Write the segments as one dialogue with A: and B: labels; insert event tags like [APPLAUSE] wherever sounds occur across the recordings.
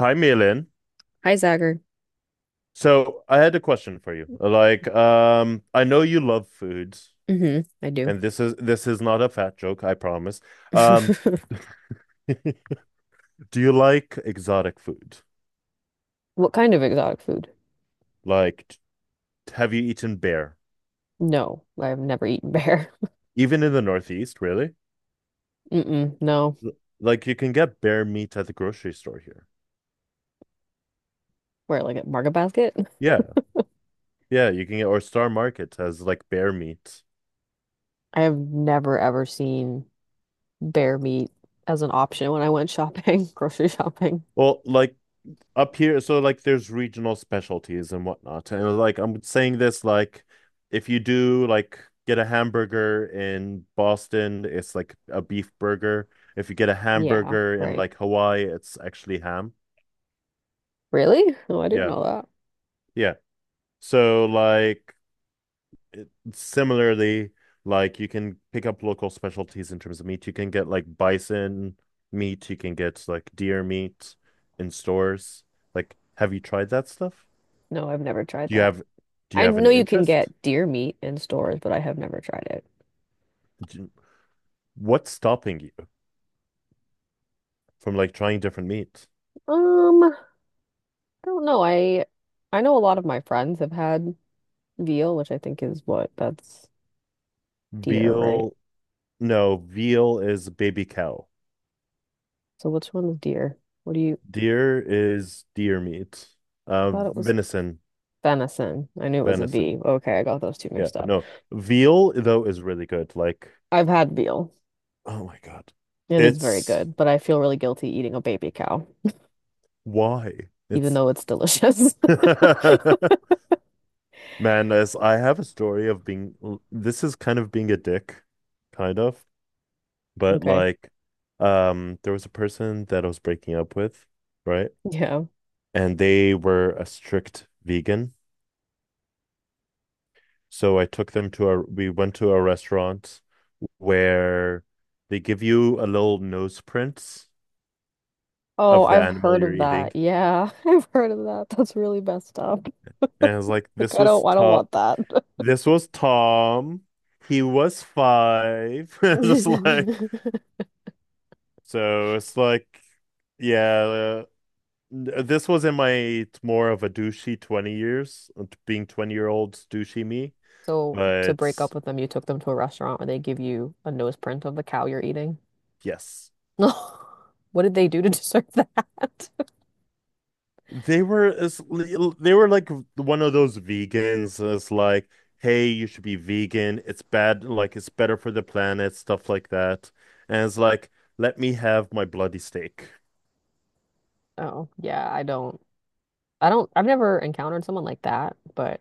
A: Hi, Milan.
B: Hi, Zagger.
A: So I had a question for you. Like, I know you love foods,
B: Hmm, I do.
A: and
B: [LAUGHS]
A: this is not a fat joke, I promise. Um, [LAUGHS] do you like exotic food?
B: What kind of exotic food?
A: Like, have you eaten bear?
B: No, I've never eaten bear. [LAUGHS]
A: Even in the Northeast, really?
B: Mm-mm, no.
A: L- Like, you can get bear meat at the grocery store here.
B: Where, like at Market Basket?
A: Yeah, yeah, you can get or Star Market has like bear meat.
B: I have never ever seen bear meat as an option when I went shopping, [LAUGHS] grocery shopping.
A: Well, like up here, so like there's regional specialties and whatnot. And like I'm saying this, like if you do like get a hamburger in Boston, it's like a beef burger. If you get a
B: Yeah,
A: hamburger in
B: right.
A: like Hawaii, it's actually ham.
B: Really? Oh, I didn't
A: Yeah,
B: know that.
A: yeah, so like similarly, like you can pick up local specialties in terms of meat. You can get like bison meat. You can get like deer meat in stores. Like have you tried that stuff?
B: No, I've never tried
A: Do you
B: that.
A: have
B: I
A: an
B: know you can
A: interest?
B: get deer meat in stores, but I have never tried it.
A: What's stopping you from like trying different meat?
B: I don't know. I know a lot of my friends have had veal, which I think is what that's deer, right?
A: Veal, no, veal is baby cow.
B: So which one is deer? What do you,
A: Deer is deer meat.
B: I
A: Uh,
B: thought it was
A: venison,
B: venison. I knew it was a
A: venison.
B: V. Okay, I got those two
A: Yeah,
B: mixed up.
A: no. Veal though is really good. Like,
B: I've had veal.
A: oh my God.
B: It is very
A: It's
B: good, but I feel really guilty eating a baby cow,
A: why?
B: even
A: It's
B: though it's delicious. [LAUGHS]
A: [LAUGHS] man, as I have a story of being this is kind of being a dick, kind of, but
B: Okay.
A: like there was a person that I was breaking up with, right?
B: Yeah.
A: And they were a strict vegan. So I took them to a, we went to a restaurant where they give you a little nose prints
B: Oh,
A: of the
B: I've
A: animal
B: heard
A: you're
B: of
A: eating.
B: that. Yeah, [LAUGHS] I've heard of that. That's really messed up.
A: And I was like,
B: Like
A: this
B: I
A: was
B: don't I don't
A: Tom.
B: want that.
A: This was Tom. He was five. [LAUGHS] Just like,
B: [LAUGHS]
A: so it's like, yeah, uh, this was in my more of a douchey 20 years, being 20-year-old douchey me.
B: So to
A: But
B: break up with them, you took them to a restaurant where they give you a nose print of the cow you're eating. [LAUGHS]
A: yes.
B: What did they do to deserve that? [LAUGHS]
A: They were as they were like one of those vegans that's like, hey, you should be vegan. It's bad, like it's better for the planet, stuff like that. And it's like, let me have my bloody steak.
B: Oh, yeah, I don't. I don't, I've never encountered someone like that, but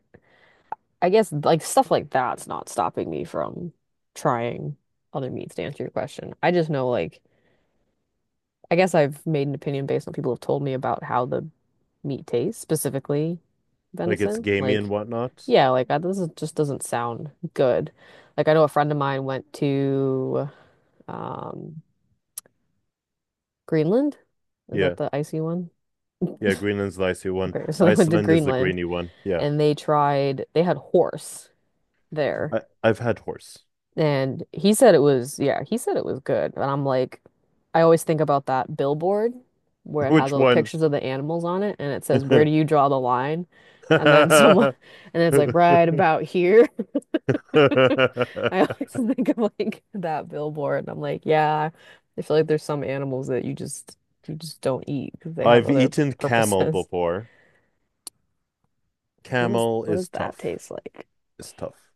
B: I guess like stuff like that's not stopping me from trying other meats to answer your question. I just know like, I guess I've made an opinion based on people have told me about how the meat tastes, specifically
A: Like it's
B: venison.
A: gamey and
B: Like,
A: whatnot.
B: yeah, like I, this is, just doesn't sound good. Like I know a friend of mine went to um, Greenland. Is that
A: Yeah.
B: the icy one?
A: Yeah, Greenland's the icy one.
B: Okay, [LAUGHS] so they went to
A: Iceland is the
B: Greenland
A: greeny one. Yeah.
B: and they tried, they had horse there.
A: I've had horse.
B: And he said it was, yeah, he said it was good. And I'm like, I always think about that billboard where
A: [LAUGHS]
B: it has
A: Which
B: all the
A: one?
B: pictures of the animals on it and it says, where
A: [LAUGHS]
B: do you draw the line? And then someone, [LAUGHS] and it's like, right about here. [LAUGHS] I always think of like that billboard. And I'm like, yeah, I feel like there's some animals that you just don't eat because they have
A: I've
B: other
A: eaten camel
B: purposes. [LAUGHS]
A: before.
B: What is,
A: Camel
B: what does
A: is
B: that
A: tough.
B: taste like?
A: It's tough.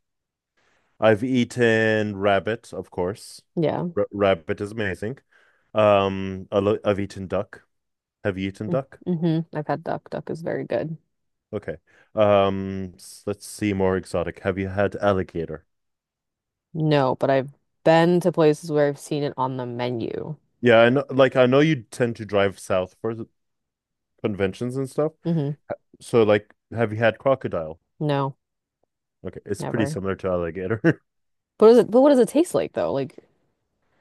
A: I've eaten rabbit, of course.
B: Yeah.
A: R rabbit is amazing. I've eaten duck. Have you eaten duck?
B: Mm-hmm. Mm-hmm. I've had duck. Duck is very good.
A: Okay. Let's see more exotic. Have you had alligator?
B: No, but I've been to places where I've seen it on the menu.
A: Yeah, I know you tend to drive south for the conventions and stuff.
B: Hmm.
A: So like, have you had crocodile?
B: No,
A: Okay, it's pretty
B: never.
A: similar to alligator.
B: But is it, but what does it taste like though? Like,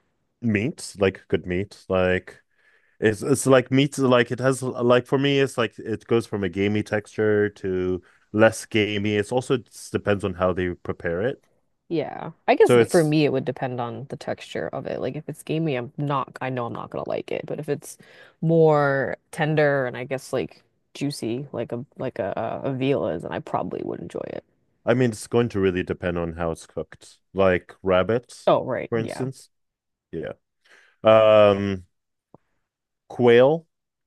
A: [LAUGHS] Meat, like good meat, like, it's like meat, like it has like for me, it's like it goes from a gamey texture to less gamey. It's also just depends on how they prepare it.
B: yeah. I guess
A: So
B: that for
A: it's
B: me it would depend on the texture of it. Like if it's gamey, I'm not, I know I'm not gonna like it. But if it's more tender and I guess like juicy, like a like, a veal is, then I probably would enjoy it.
A: I mean it's going to really depend on how it's cooked. Like rabbit,
B: Oh, right,
A: for
B: yeah.
A: instance. Yeah. Um Quail.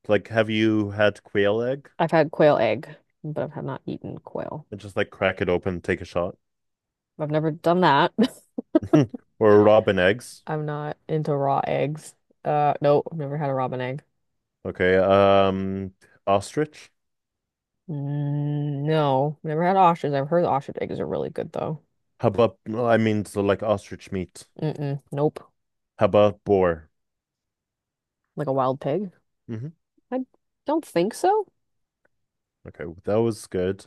A: Like have you had quail egg?
B: I've had quail egg, but I've had not eaten quail.
A: And just like crack it open, take a shot. [LAUGHS]
B: I've never done that. [LAUGHS]
A: Or robin eggs.
B: I'm not into raw eggs. No, I've never had a robin egg.
A: Okay. Ostrich.
B: Mm, no, never had ostrich. I've heard ostrich eggs are really good though.
A: How about I mean so like ostrich meat.
B: Mm-mm, nope.
A: How about boar?
B: Like a wild pig?
A: Mhm.
B: I don't think so.
A: Okay, that was good.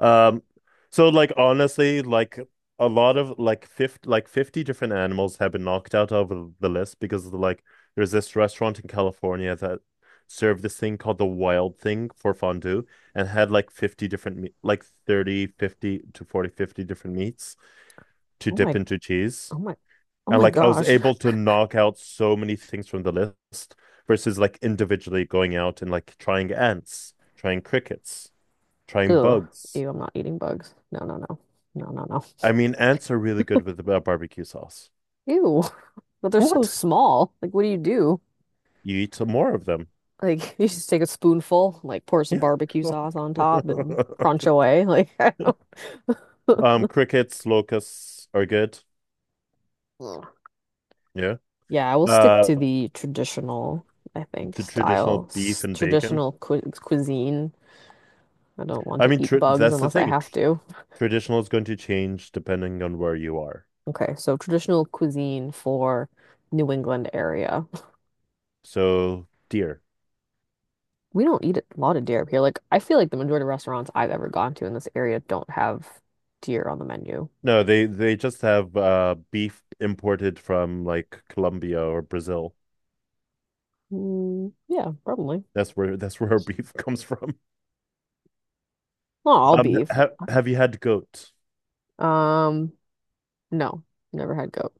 A: Um, so like honestly, like a lot of like 50, like 50 different animals have been knocked out of the list because of the, like there's this restaurant in California that served this thing called the wild thing for fondue and had like 50 different meat like 30 50 to 40 50 different meats to
B: Oh
A: dip
B: my,
A: into cheese.
B: oh my, oh
A: And
B: my
A: like I was
B: gosh.
A: able to knock out so many things from the list versus like individually going out and like trying ants, trying crickets
B: [LAUGHS]
A: trying
B: Ugh.
A: bugs.
B: Ew, I'm not eating bugs. No, no, no. No, no, no.
A: I mean, ants are really good with barbecue sauce.
B: Ew. [LAUGHS] But they're so
A: What?
B: small. Like, what do you do?
A: You eat some more of them.
B: Like, [LAUGHS] you just take a spoonful, like pour some
A: Yeah.
B: barbecue sauce
A: [LAUGHS]
B: on top and crunch away. Like, [LAUGHS] I don't.
A: Crickets, locusts are good.
B: [LAUGHS]
A: Yeah.
B: Yeah, I will stick
A: Uh,
B: to the traditional, I think,
A: the
B: style,
A: traditional beef and bacon.
B: traditional cu cuisine. I don't want
A: I
B: to
A: mean,
B: eat
A: tr
B: bugs
A: that's the
B: unless I
A: thing. Tr
B: have to.
A: traditional is going to change depending on where you are.
B: Okay, so traditional cuisine for New England area.
A: So, deer.
B: We don't eat a lot of deer up here. Like, I feel like the majority of restaurants I've ever gone to in this area don't have deer on the menu.
A: No, they just have beef imported from like Colombia or Brazil.
B: Mm, yeah, probably.
A: That's where our beef [LAUGHS] comes from.
B: Not all beef.
A: Ha have you had goat?
B: Um, no, never had goat.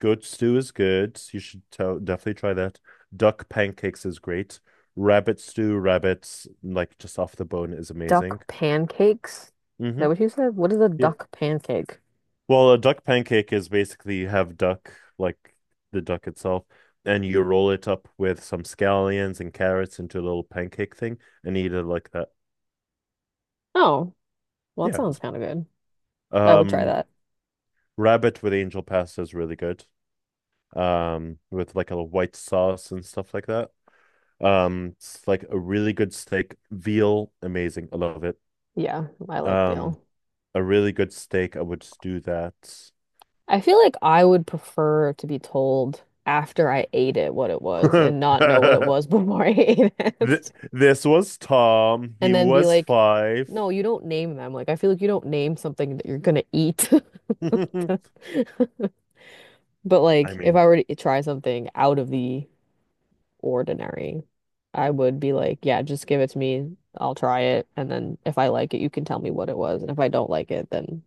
A: Goat stew is good. You should tell, definitely try that. Duck pancakes is great. Rabbit stew, rabbits, like just off the bone, is amazing.
B: Duck pancakes? Is that
A: Hmm.
B: what you said? What is a
A: Yeah.
B: duck pancake?
A: Well, a duck pancake is basically you have duck, like the duck itself, and you roll it up with some scallions and carrots into a little pancake thing and eat it like that.
B: Oh. Well, that
A: Yeah.
B: sounds kind of good. I would try
A: Um,
B: that.
A: rabbit with angel pasta is really good. With like a white sauce and stuff like that. It's like a really good steak, veal, amazing. I love it.
B: Yeah, I like
A: Um,
B: veal.
A: a really good steak, I would do that.
B: I feel like I would prefer to be told after I ate it what it was and not know what it was [LAUGHS]
A: [LAUGHS]
B: before I ate
A: Th-
B: it.
A: this was Tom. He
B: And then be
A: was
B: like,
A: five.
B: no, you don't name them. Like, I feel like you don't name something that you're gonna eat.
A: [LAUGHS] I
B: [LAUGHS] But like, if
A: mean,
B: I were to try something out of the ordinary, I would be like, yeah, just give it to me. I'll try it. And then if I like it, you can tell me what it was. And if I don't like it, then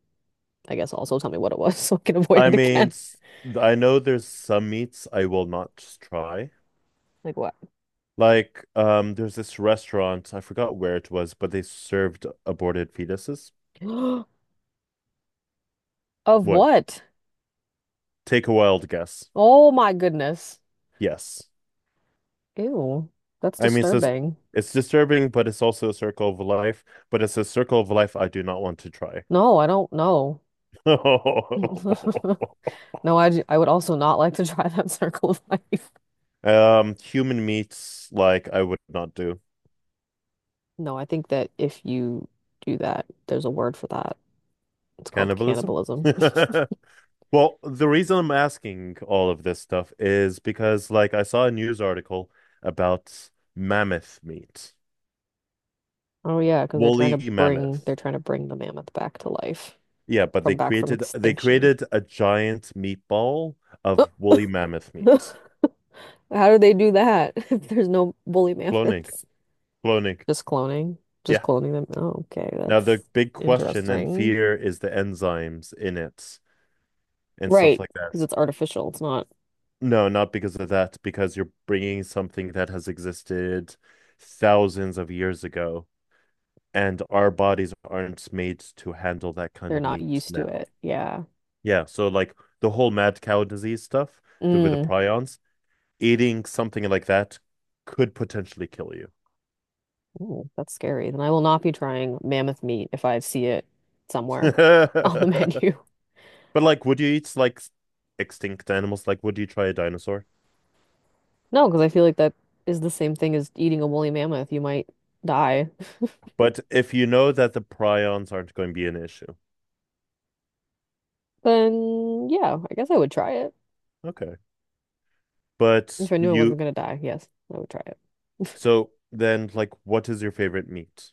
B: I guess also tell me what it was [LAUGHS] so I can avoid
A: I
B: it
A: mean,
B: again.
A: I know there's some meats I will not just try.
B: Like what?
A: Like, there's this restaurant, I forgot where it was, but they served aborted fetuses.
B: [GASPS] Of
A: What?
B: what?
A: Take a wild guess.
B: Oh my goodness.
A: Yes.
B: Ew, that's
A: I mean, so it's,
B: disturbing.
A: it's disturbing, but it's also a circle of life. But it's a circle of life I do not want to try.
B: No, I don't know. [LAUGHS]
A: [LAUGHS]
B: No, I would also not like to try that [LAUGHS] circle of life.
A: Human meats, like I would not do
B: No, I think that if you do that, there's a word for that. It's called
A: cannibalism.
B: cannibalism. [LAUGHS]
A: [LAUGHS] Well, the reason I'm asking all of this stuff is because, like, I saw a news article about mammoth meat,
B: Oh yeah, because
A: woolly mammoth.
B: they're trying to bring the mammoth back to life
A: Yeah, but they
B: from back from
A: created they
B: extinction.
A: created a giant meatball of woolly mammoth meat.
B: [LAUGHS] How do they do that [LAUGHS] if there's no woolly
A: Cloning,
B: mammoths?
A: cloning.
B: Just cloning. Just
A: Yeah.
B: cloning them. Oh, okay,
A: Now,
B: that's
A: the big question and
B: interesting.
A: fear is the enzymes in it and stuff
B: Right,
A: like
B: because
A: that.
B: it's artificial. It's not,
A: No, not because of that, because you're bringing something that has existed thousands of years ago, and our bodies aren't made to handle that kind
B: they're
A: of
B: not
A: meat
B: used to
A: now.
B: it. Yeah.
A: Yeah, so like the whole mad cow disease stuff, the with the
B: Mm.
A: prions, eating something like that could potentially kill you.
B: Ooh, that's scary. Then I will not be trying mammoth meat if I see it somewhere on the [LAUGHS]
A: [LAUGHS]
B: menu.
A: But like, would you eat like extinct animals? Like, would you try a dinosaur?
B: No, because I feel like that is the same thing as eating a woolly mammoth. You might die. [LAUGHS]
A: But if you know that the prions aren't going to be an issue.
B: Then, yeah, I guess I would try it.
A: Okay.
B: If
A: But
B: I knew I wasn't
A: you,
B: gonna die, yes, I would try it.
A: so then, like, what is your favorite meat?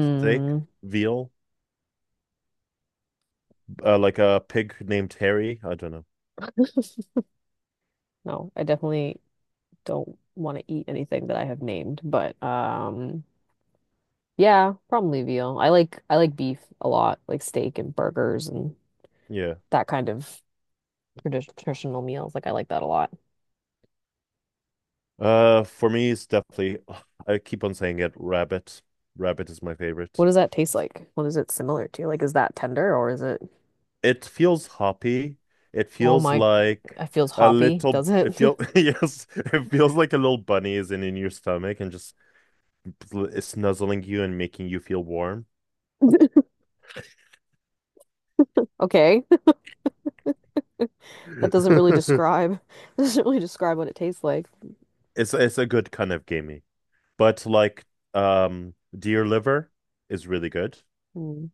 A: Steak? Veal? Like a pig named Harry? I don't know.
B: [LAUGHS] No, I definitely don't want to eat anything that I have named, but yeah, probably veal. I like beef a lot, like steak and burgers and
A: Yeah.
B: that kind of traditional meals. Like I like that a lot.
A: For me, it's definitely, [SIGHS] I keep on saying it, rabbit. Rabbit is my favorite.
B: What does that taste like? What is it similar to? Like is that tender or is it
A: It feels hoppy. It
B: Oh
A: feels
B: my,
A: like
B: it feels
A: a
B: hoppy,
A: little,
B: does
A: it
B: it?
A: feels
B: [LAUGHS]
A: [LAUGHS] yes, it feels like a little bunny is in, your stomach and just snuzzling you and making you feel warm.
B: Okay. [LAUGHS] That doesn't really
A: [LAUGHS]
B: describe [LAUGHS] doesn't really describe what it tastes like.
A: It's a good kind of gamey. But like deer liver is really good.
B: Mm.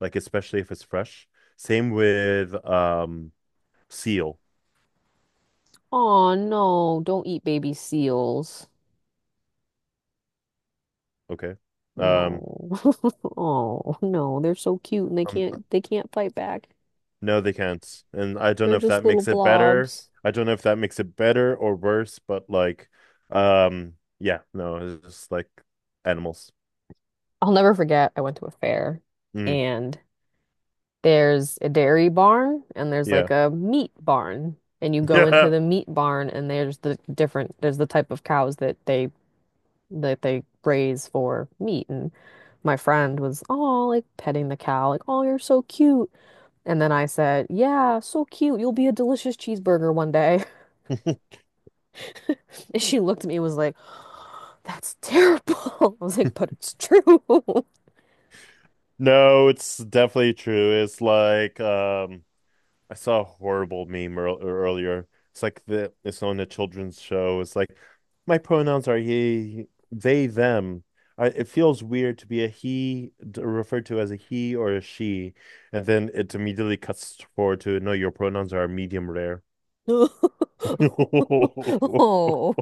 A: Like especially if it's fresh. Same with seal,
B: Oh no, don't eat baby seals.
A: okay? Um,
B: No. [LAUGHS] Oh, no. They're so cute and they
A: um
B: can't fight back.
A: no they can't. And I don't
B: They're
A: know if
B: just
A: that
B: little
A: makes it better.
B: blobs.
A: I don't know if that makes it better or worse, but like yeah, no, it's just like animals.
B: I'll never forget I went to a fair
A: Mm,
B: and there's a dairy barn and there's like
A: yeah.
B: a meat barn. And you
A: [LAUGHS]
B: go into
A: Yeah.
B: the meat barn and the type of cows that they raise for meat. And my friend was, oh, like petting the cow, like, oh, you're so cute. And then I said, yeah, so cute. You'll be a delicious cheeseburger one day.
A: [LAUGHS]
B: And she looked at me and was like, that's terrible. [LAUGHS] I was like, but it's true.
A: No, it's definitely true. It's like I saw a horrible meme earlier. It's like the it's on a children's show. It's like my pronouns are he, they, them. It feels weird to be a he, referred to as a he or a she, and then it immediately cuts forward to no, your pronouns are medium rare. [LAUGHS] I
B: [LAUGHS] Oh.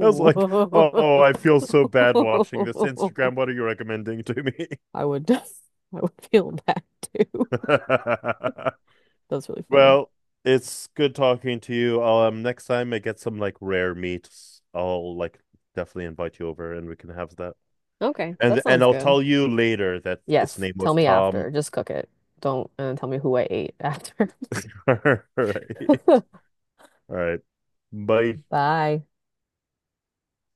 A: was like, oh, I feel so bad watching this. Instagram,
B: [LAUGHS]
A: what are you recommending to me?
B: I would feel bad too.
A: [LAUGHS]
B: That's really funny.
A: Well, it's good talking to you. Next time I get some like rare meats, I'll like definitely invite you over and we can have that.
B: Okay, that
A: And
B: sounds
A: I'll
B: good.
A: tell you later that its
B: Yes,
A: name
B: tell
A: was
B: me after.
A: Tom.
B: Just cook it. Don't and tell me who I ate after.
A: [LAUGHS] All right.
B: [LAUGHS]
A: All right. Bye.
B: Bye.